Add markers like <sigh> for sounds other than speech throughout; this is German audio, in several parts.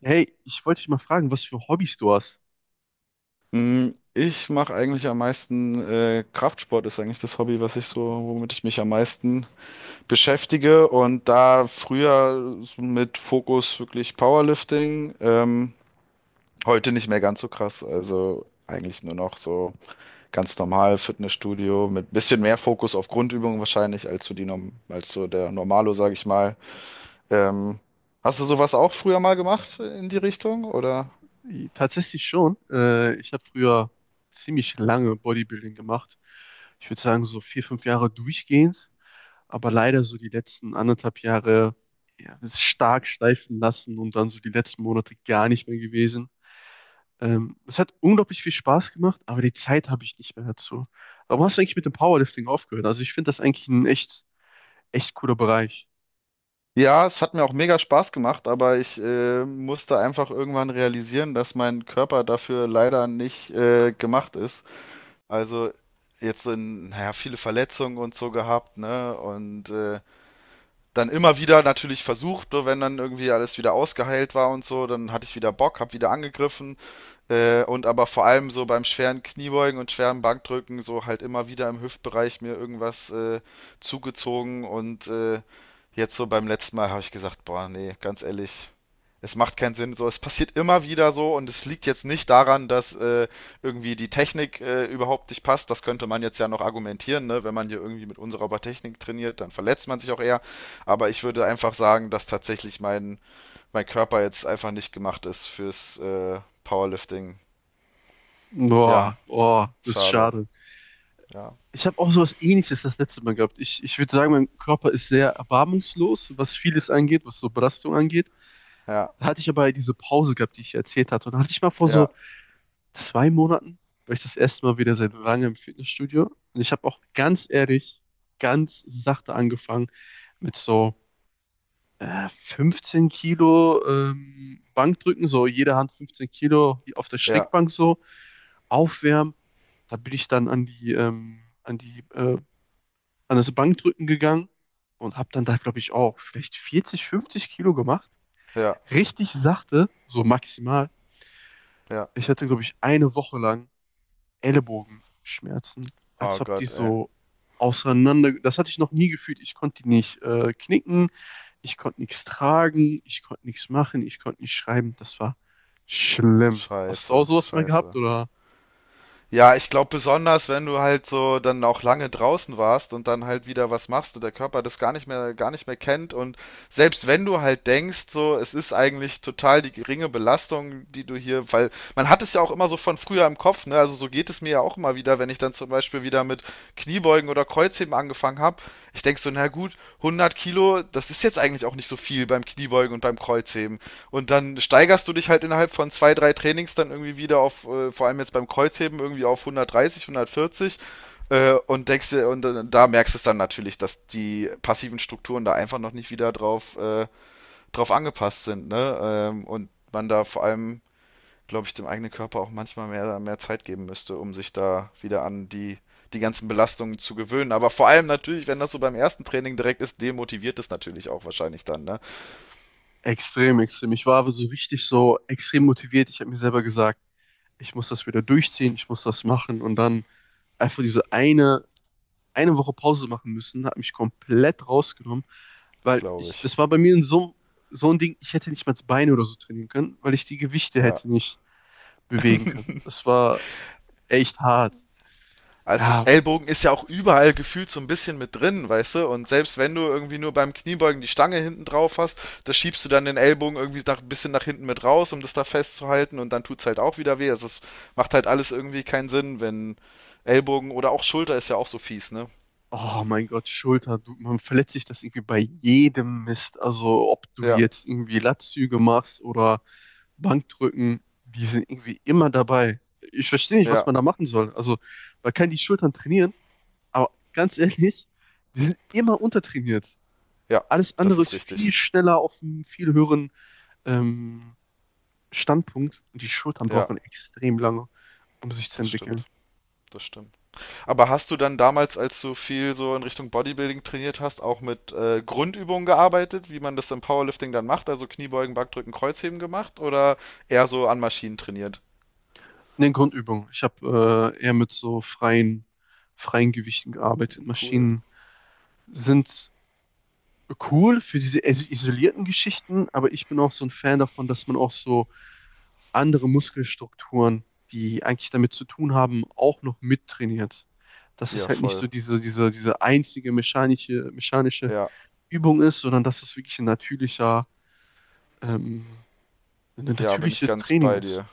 Hey, ich wollte dich mal fragen, was für Hobbys du hast. Ich mache eigentlich am meisten Kraftsport ist eigentlich das Hobby, womit ich mich am meisten beschäftige. Und da früher so mit Fokus wirklich Powerlifting, heute nicht mehr ganz so krass. Also eigentlich nur noch so ganz normal Fitnessstudio mit bisschen mehr Fokus auf Grundübungen wahrscheinlich als so die Norm als so der Normalo, sag ich mal. Ähm, Hast du sowas auch früher mal gemacht in die Richtung oder? Tatsächlich schon. Ich habe früher ziemlich lange Bodybuilding gemacht. Ich würde sagen, so vier, fünf Jahre durchgehend, aber leider so die letzten anderthalb Jahre ja, das stark schleifen lassen und dann so die letzten Monate gar nicht mehr gewesen. Es hat unglaublich viel Spaß gemacht, aber die Zeit habe ich nicht mehr dazu. Warum hast du eigentlich mit dem Powerlifting aufgehört? Also ich finde das eigentlich ein echt, echt cooler Bereich. Ja, es hat mir auch mega Spaß gemacht, aber ich musste einfach irgendwann realisieren, dass mein Körper dafür leider nicht gemacht ist. Also jetzt so naja, viele Verletzungen und so gehabt, ne? Und dann immer wieder natürlich versucht, so wenn dann irgendwie alles wieder ausgeheilt war und so, dann hatte ich wieder Bock, hab wieder angegriffen. Und aber vor allem so beim schweren Kniebeugen und schweren Bankdrücken so halt immer wieder im Hüftbereich mir irgendwas zugezogen und jetzt so beim letzten Mal habe ich gesagt, boah, nee, ganz ehrlich, es macht keinen Sinn. So, es passiert immer wieder so und es liegt jetzt nicht daran, dass irgendwie die Technik überhaupt nicht passt. Das könnte man jetzt ja noch argumentieren, ne? Wenn man hier irgendwie mit unsauberer Technik trainiert, dann verletzt man sich auch eher. Aber ich würde einfach sagen, dass tatsächlich mein Körper jetzt einfach nicht gemacht ist fürs Powerlifting. Ja, Boah, boah, das ist schade. schade. Ja, Ich habe auch sowas Ähnliches das letzte Mal gehabt. Ich würde sagen, mein Körper ist sehr erbarmungslos, was vieles angeht, was so Belastung angeht. ja, Da hatte ich aber diese Pause gehabt, die ich erzählt hatte. Und da hatte ich mal vor so ja, 2 Monaten, war ich das erste Mal wieder seit langem im Fitnessstudio. Und ich habe auch ganz ehrlich, ganz sachte angefangen mit so 15 Kilo Bankdrücken, so jede Hand 15 Kilo auf der ja, Schrägbank so, aufwärmen. Da bin ich dann an das Bankdrücken gegangen und habe dann da, glaube ich, auch vielleicht 40, 50 Kilo gemacht. ja, Richtig sachte, so maximal. ja. Ich hatte, glaube ich, eine Woche lang Ellenbogenschmerzen, als Oh ob die Gott, ey. so auseinander. Das hatte ich noch nie gefühlt. Ich konnte die nicht knicken, ich konnte nichts tragen, ich konnte nichts machen, ich konnte nicht schreiben. Das war schlimm. Hast du auch Scheiße, sowas mal gehabt scheiße. oder? Ja, ich glaube besonders, wenn du halt so dann auch lange draußen warst und dann halt wieder was machst und der Körper das gar nicht mehr kennt und selbst wenn du halt denkst, so, es ist eigentlich total die geringe Belastung, die du hier, weil man hat es ja auch immer so von früher im Kopf, ne? Also so geht es mir ja auch immer wieder, wenn ich dann zum Beispiel wieder mit Kniebeugen oder Kreuzheben angefangen habe. Ich denk so, na gut, 100 Kilo, das ist jetzt eigentlich auch nicht so viel beim Kniebeugen und beim Kreuzheben. Und dann steigerst du dich halt innerhalb von zwei, drei Trainings dann irgendwie wieder auf, vor allem jetzt beim Kreuzheben, irgendwie auf 130, 140 und denkst dir, da merkst du es dann natürlich, dass die passiven Strukturen da einfach noch nicht wieder drauf angepasst sind, ne? Und man da vor allem, glaube ich, dem eigenen Körper auch manchmal mehr Zeit geben müsste, um sich da wieder an die ganzen Belastungen zu gewöhnen. Aber vor allem natürlich, wenn das so beim ersten Training direkt ist, demotiviert es natürlich auch wahrscheinlich dann, ne? Extrem, extrem. Ich war aber so richtig so extrem motiviert. Ich habe mir selber gesagt, ich muss das wieder durchziehen, ich muss das machen und dann einfach diese eine Woche Pause machen müssen, hat mich komplett rausgenommen, weil Glaube ich, ich. das war bei mir so, so ein Ding, ich hätte nicht mal das Bein oder so trainieren können, weil ich die Gewichte Ja. hätte nicht bewegen können. Das war echt hart. Ja. Ellbogen ist ja auch überall gefühlt so ein bisschen mit drin, weißt du? Und selbst wenn du irgendwie nur beim Kniebeugen die Stange hinten drauf hast, da schiebst du dann den Ellbogen irgendwie ein bisschen nach hinten mit raus, um das da festzuhalten und dann tut's halt auch wieder weh. Also es macht halt alles irgendwie keinen Sinn, wenn Ellbogen oder auch Schulter ist ja auch so fies, ne? Oh mein Gott, Schulter, du, man verletzt sich das irgendwie bei jedem Mist. Also ob du Ja, jetzt irgendwie Latzüge machst oder Bankdrücken, die sind irgendwie immer dabei. Ich verstehe nicht, was ja, man da machen soll. Also man kann die Schultern trainieren, aber ganz ehrlich, die sind immer untertrainiert. ja, Alles das andere ist ist viel richtig. schneller auf einem viel höheren ähm, Standpunkt und die Schultern Ja, brauchen extrem lange, um sich zu das entwickeln. stimmt, das stimmt. Aber hast du dann damals, als du viel so in Richtung Bodybuilding trainiert hast, auch mit Grundübungen gearbeitet, wie man das im Powerlifting dann macht? Also Kniebeugen, Bankdrücken, Kreuzheben gemacht oder eher so an Maschinen trainiert? In Grundübung. Ich habe eher mit so freien Gewichten gearbeitet. Cool. Maschinen sind cool für diese isolierten Geschichten, aber ich bin auch so ein Fan davon, dass man auch so andere Muskelstrukturen, die eigentlich damit zu tun haben, auch noch mittrainiert. Dass es Ja, halt nicht so voll. diese einzige mechanische Ja, Übung ist, sondern dass es wirklich ähm, ein ja, bin ich natürliches ganz Training bei ist. dir.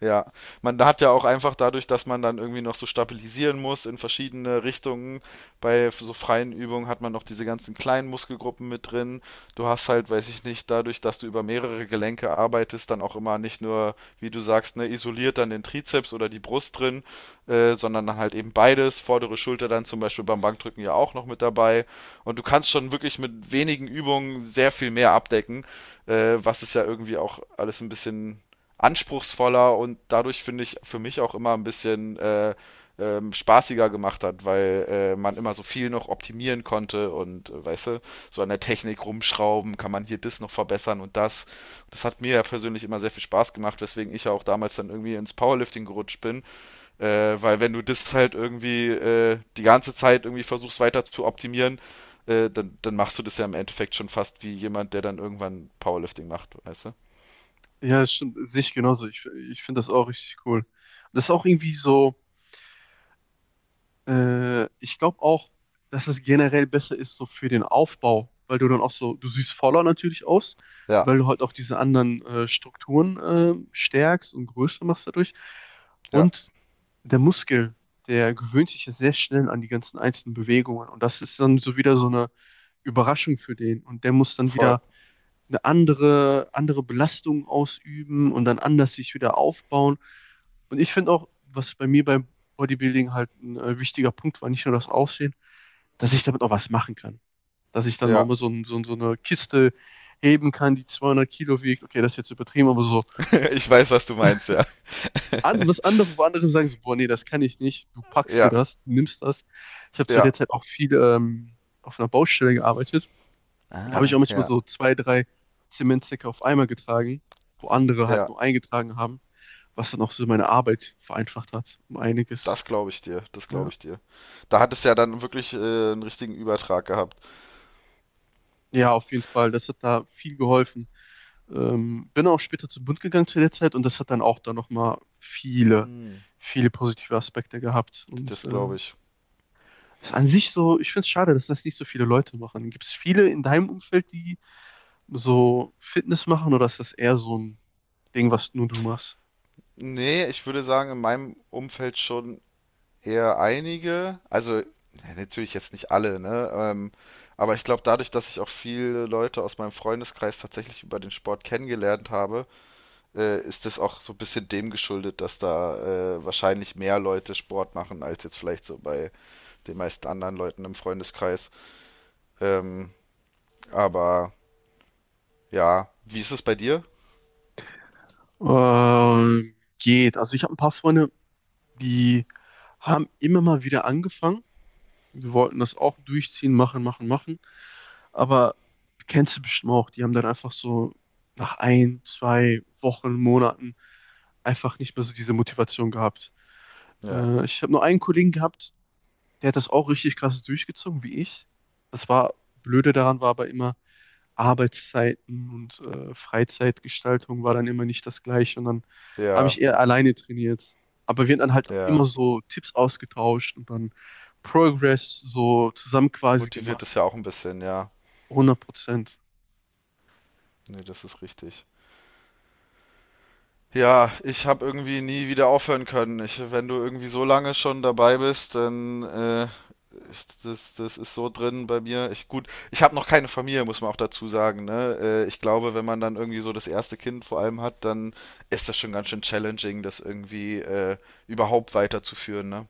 Ja, man hat ja auch einfach dadurch, dass man dann irgendwie noch so stabilisieren muss in verschiedene Richtungen, bei so freien Übungen hat man noch diese ganzen kleinen Muskelgruppen mit drin. Du hast halt, weiß ich nicht, dadurch, dass du über mehrere Gelenke arbeitest, dann auch immer nicht nur, wie du sagst, ne, isoliert dann den Trizeps oder die Brust drin, sondern dann halt eben beides, vordere Schulter dann zum Beispiel beim Bankdrücken ja auch noch mit dabei. Und du kannst schon wirklich mit wenigen Übungen sehr viel mehr abdecken, was es ja irgendwie auch alles ein bisschen anspruchsvoller und dadurch finde ich für mich auch immer ein bisschen spaßiger gemacht hat, weil man immer so viel noch optimieren konnte und weißt du, so an der Technik rumschrauben, kann man hier das noch verbessern und das. Das hat mir ja persönlich immer sehr viel Spaß gemacht, weswegen ich ja auch damals dann irgendwie ins Powerlifting gerutscht bin, weil wenn du das halt irgendwie die ganze Zeit irgendwie versuchst weiter zu optimieren, dann machst du das ja im Endeffekt schon fast wie jemand, der dann irgendwann Powerlifting macht, weißt du? Ja, stimmt, sehe ich genauso. Ich finde das auch richtig cool. Und das ist auch irgendwie so, ich glaube auch, dass es generell besser ist so für den Aufbau, weil du dann auch so, du siehst voller natürlich aus, Ja, weil du halt auch diese anderen Strukturen stärkst und größer machst dadurch. ja, Und der Muskel, der gewöhnt sich ja sehr schnell an die ganzen einzelnen Bewegungen. Und das ist dann so wieder so eine Überraschung für den. Und der muss dann voll. wieder eine andere Belastung ausüben und dann anders sich wieder aufbauen. Und ich finde auch, was bei mir beim Bodybuilding halt ein wichtiger Punkt war, nicht nur das Aussehen, dass ich damit auch was machen kann. Dass ich dann mal Ja, so, so eine Kiste heben kann, die 200 Kilo wiegt. Okay, das ist jetzt übertrieben, aber so <laughs> ich weiß, was du meinst, ja. Wo andere sagen, so, boah, nee, das kann ich nicht. Du packst dir Ja, das, du nimmst das. Ich habe zu ja, der Zeit auch viel auf einer Baustelle gearbeitet. Da habe ich auch manchmal ja, so zwei, drei Zementsäcke auf einmal getragen, wo andere halt ja. nur eingetragen haben, was dann auch so meine Arbeit vereinfacht hat, um einiges. Das glaube ich dir, das glaube Ja, ich dir. Da hat es ja dann wirklich einen richtigen Übertrag gehabt. ja auf jeden Fall, das hat da viel geholfen. Bin auch später zum Bund gegangen zu der Zeit und das hat dann auch da nochmal viele, Hm. viele positive Aspekte gehabt. Und Das glaube ich. ist an sich so, ich finde es schade, dass das nicht so viele Leute machen. Gibt es viele in deinem Umfeld, die so Fitness machen oder ist das eher so ein Ding, was nur du machst? Nee, ich würde sagen, in meinem Umfeld schon eher einige. Also, ja, natürlich jetzt nicht alle, ne? Aber ich glaube, dadurch, dass ich auch viele Leute aus meinem Freundeskreis tatsächlich über den Sport kennengelernt habe, ist das auch so ein bisschen dem geschuldet, dass da wahrscheinlich mehr Leute Sport machen, als jetzt vielleicht so bei den meisten anderen Leuten im Freundeskreis. Ähm, aber ja, wie ist es bei dir? Geht. Also ich habe ein paar Freunde, die haben immer mal wieder angefangen. Wir wollten das auch durchziehen, machen, machen, machen. Aber kennst du bestimmt auch, die haben dann einfach so nach ein, zwei Wochen, Monaten einfach nicht mehr so diese Motivation gehabt. Ja, Ich habe nur einen Kollegen gehabt, der hat das auch richtig krass durchgezogen, wie ich. Das war, Blöde daran war aber immer, Arbeitszeiten und Freizeitgestaltung war dann immer nicht das Gleiche. Und dann habe ja, ich eher alleine trainiert. Aber wir haben dann halt ja. immer so Tipps ausgetauscht und dann Progress so zusammen quasi Motiviert gemacht. es ja auch ein bisschen, ja. 100%. Nee, das ist richtig. Ja, ich habe irgendwie nie wieder aufhören können. Wenn du irgendwie so lange schon dabei bist, dann das ist so drin bei mir. Ich gut, ich habe noch keine Familie, muss man auch dazu sagen. Ne? Ich glaube, wenn man dann irgendwie so das erste Kind vor allem hat, dann ist das schon ganz schön challenging, das irgendwie überhaupt weiterzuführen. Ne?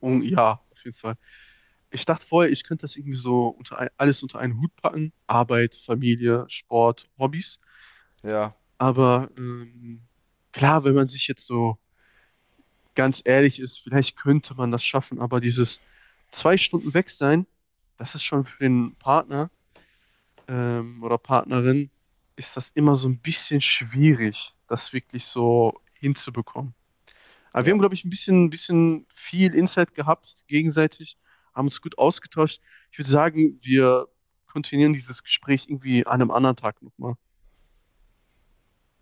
Und ja, auf jeden Fall. Ich dachte vorher, ich könnte das irgendwie so alles unter einen Hut packen. Arbeit, Familie, Sport, Hobbys. Ja, Aber klar, wenn man sich jetzt so ganz ehrlich ist, vielleicht könnte man das schaffen, aber dieses 2 Stunden weg sein, das ist schon für den Partner oder Partnerin, ist das immer so ein bisschen schwierig, das wirklich so hinzubekommen. Aber wir ja. haben, glaube ich, ein bisschen viel Insight gehabt, gegenseitig, haben uns gut ausgetauscht. Ich würde sagen, wir kontinuieren dieses Gespräch irgendwie an einem anderen Tag nochmal.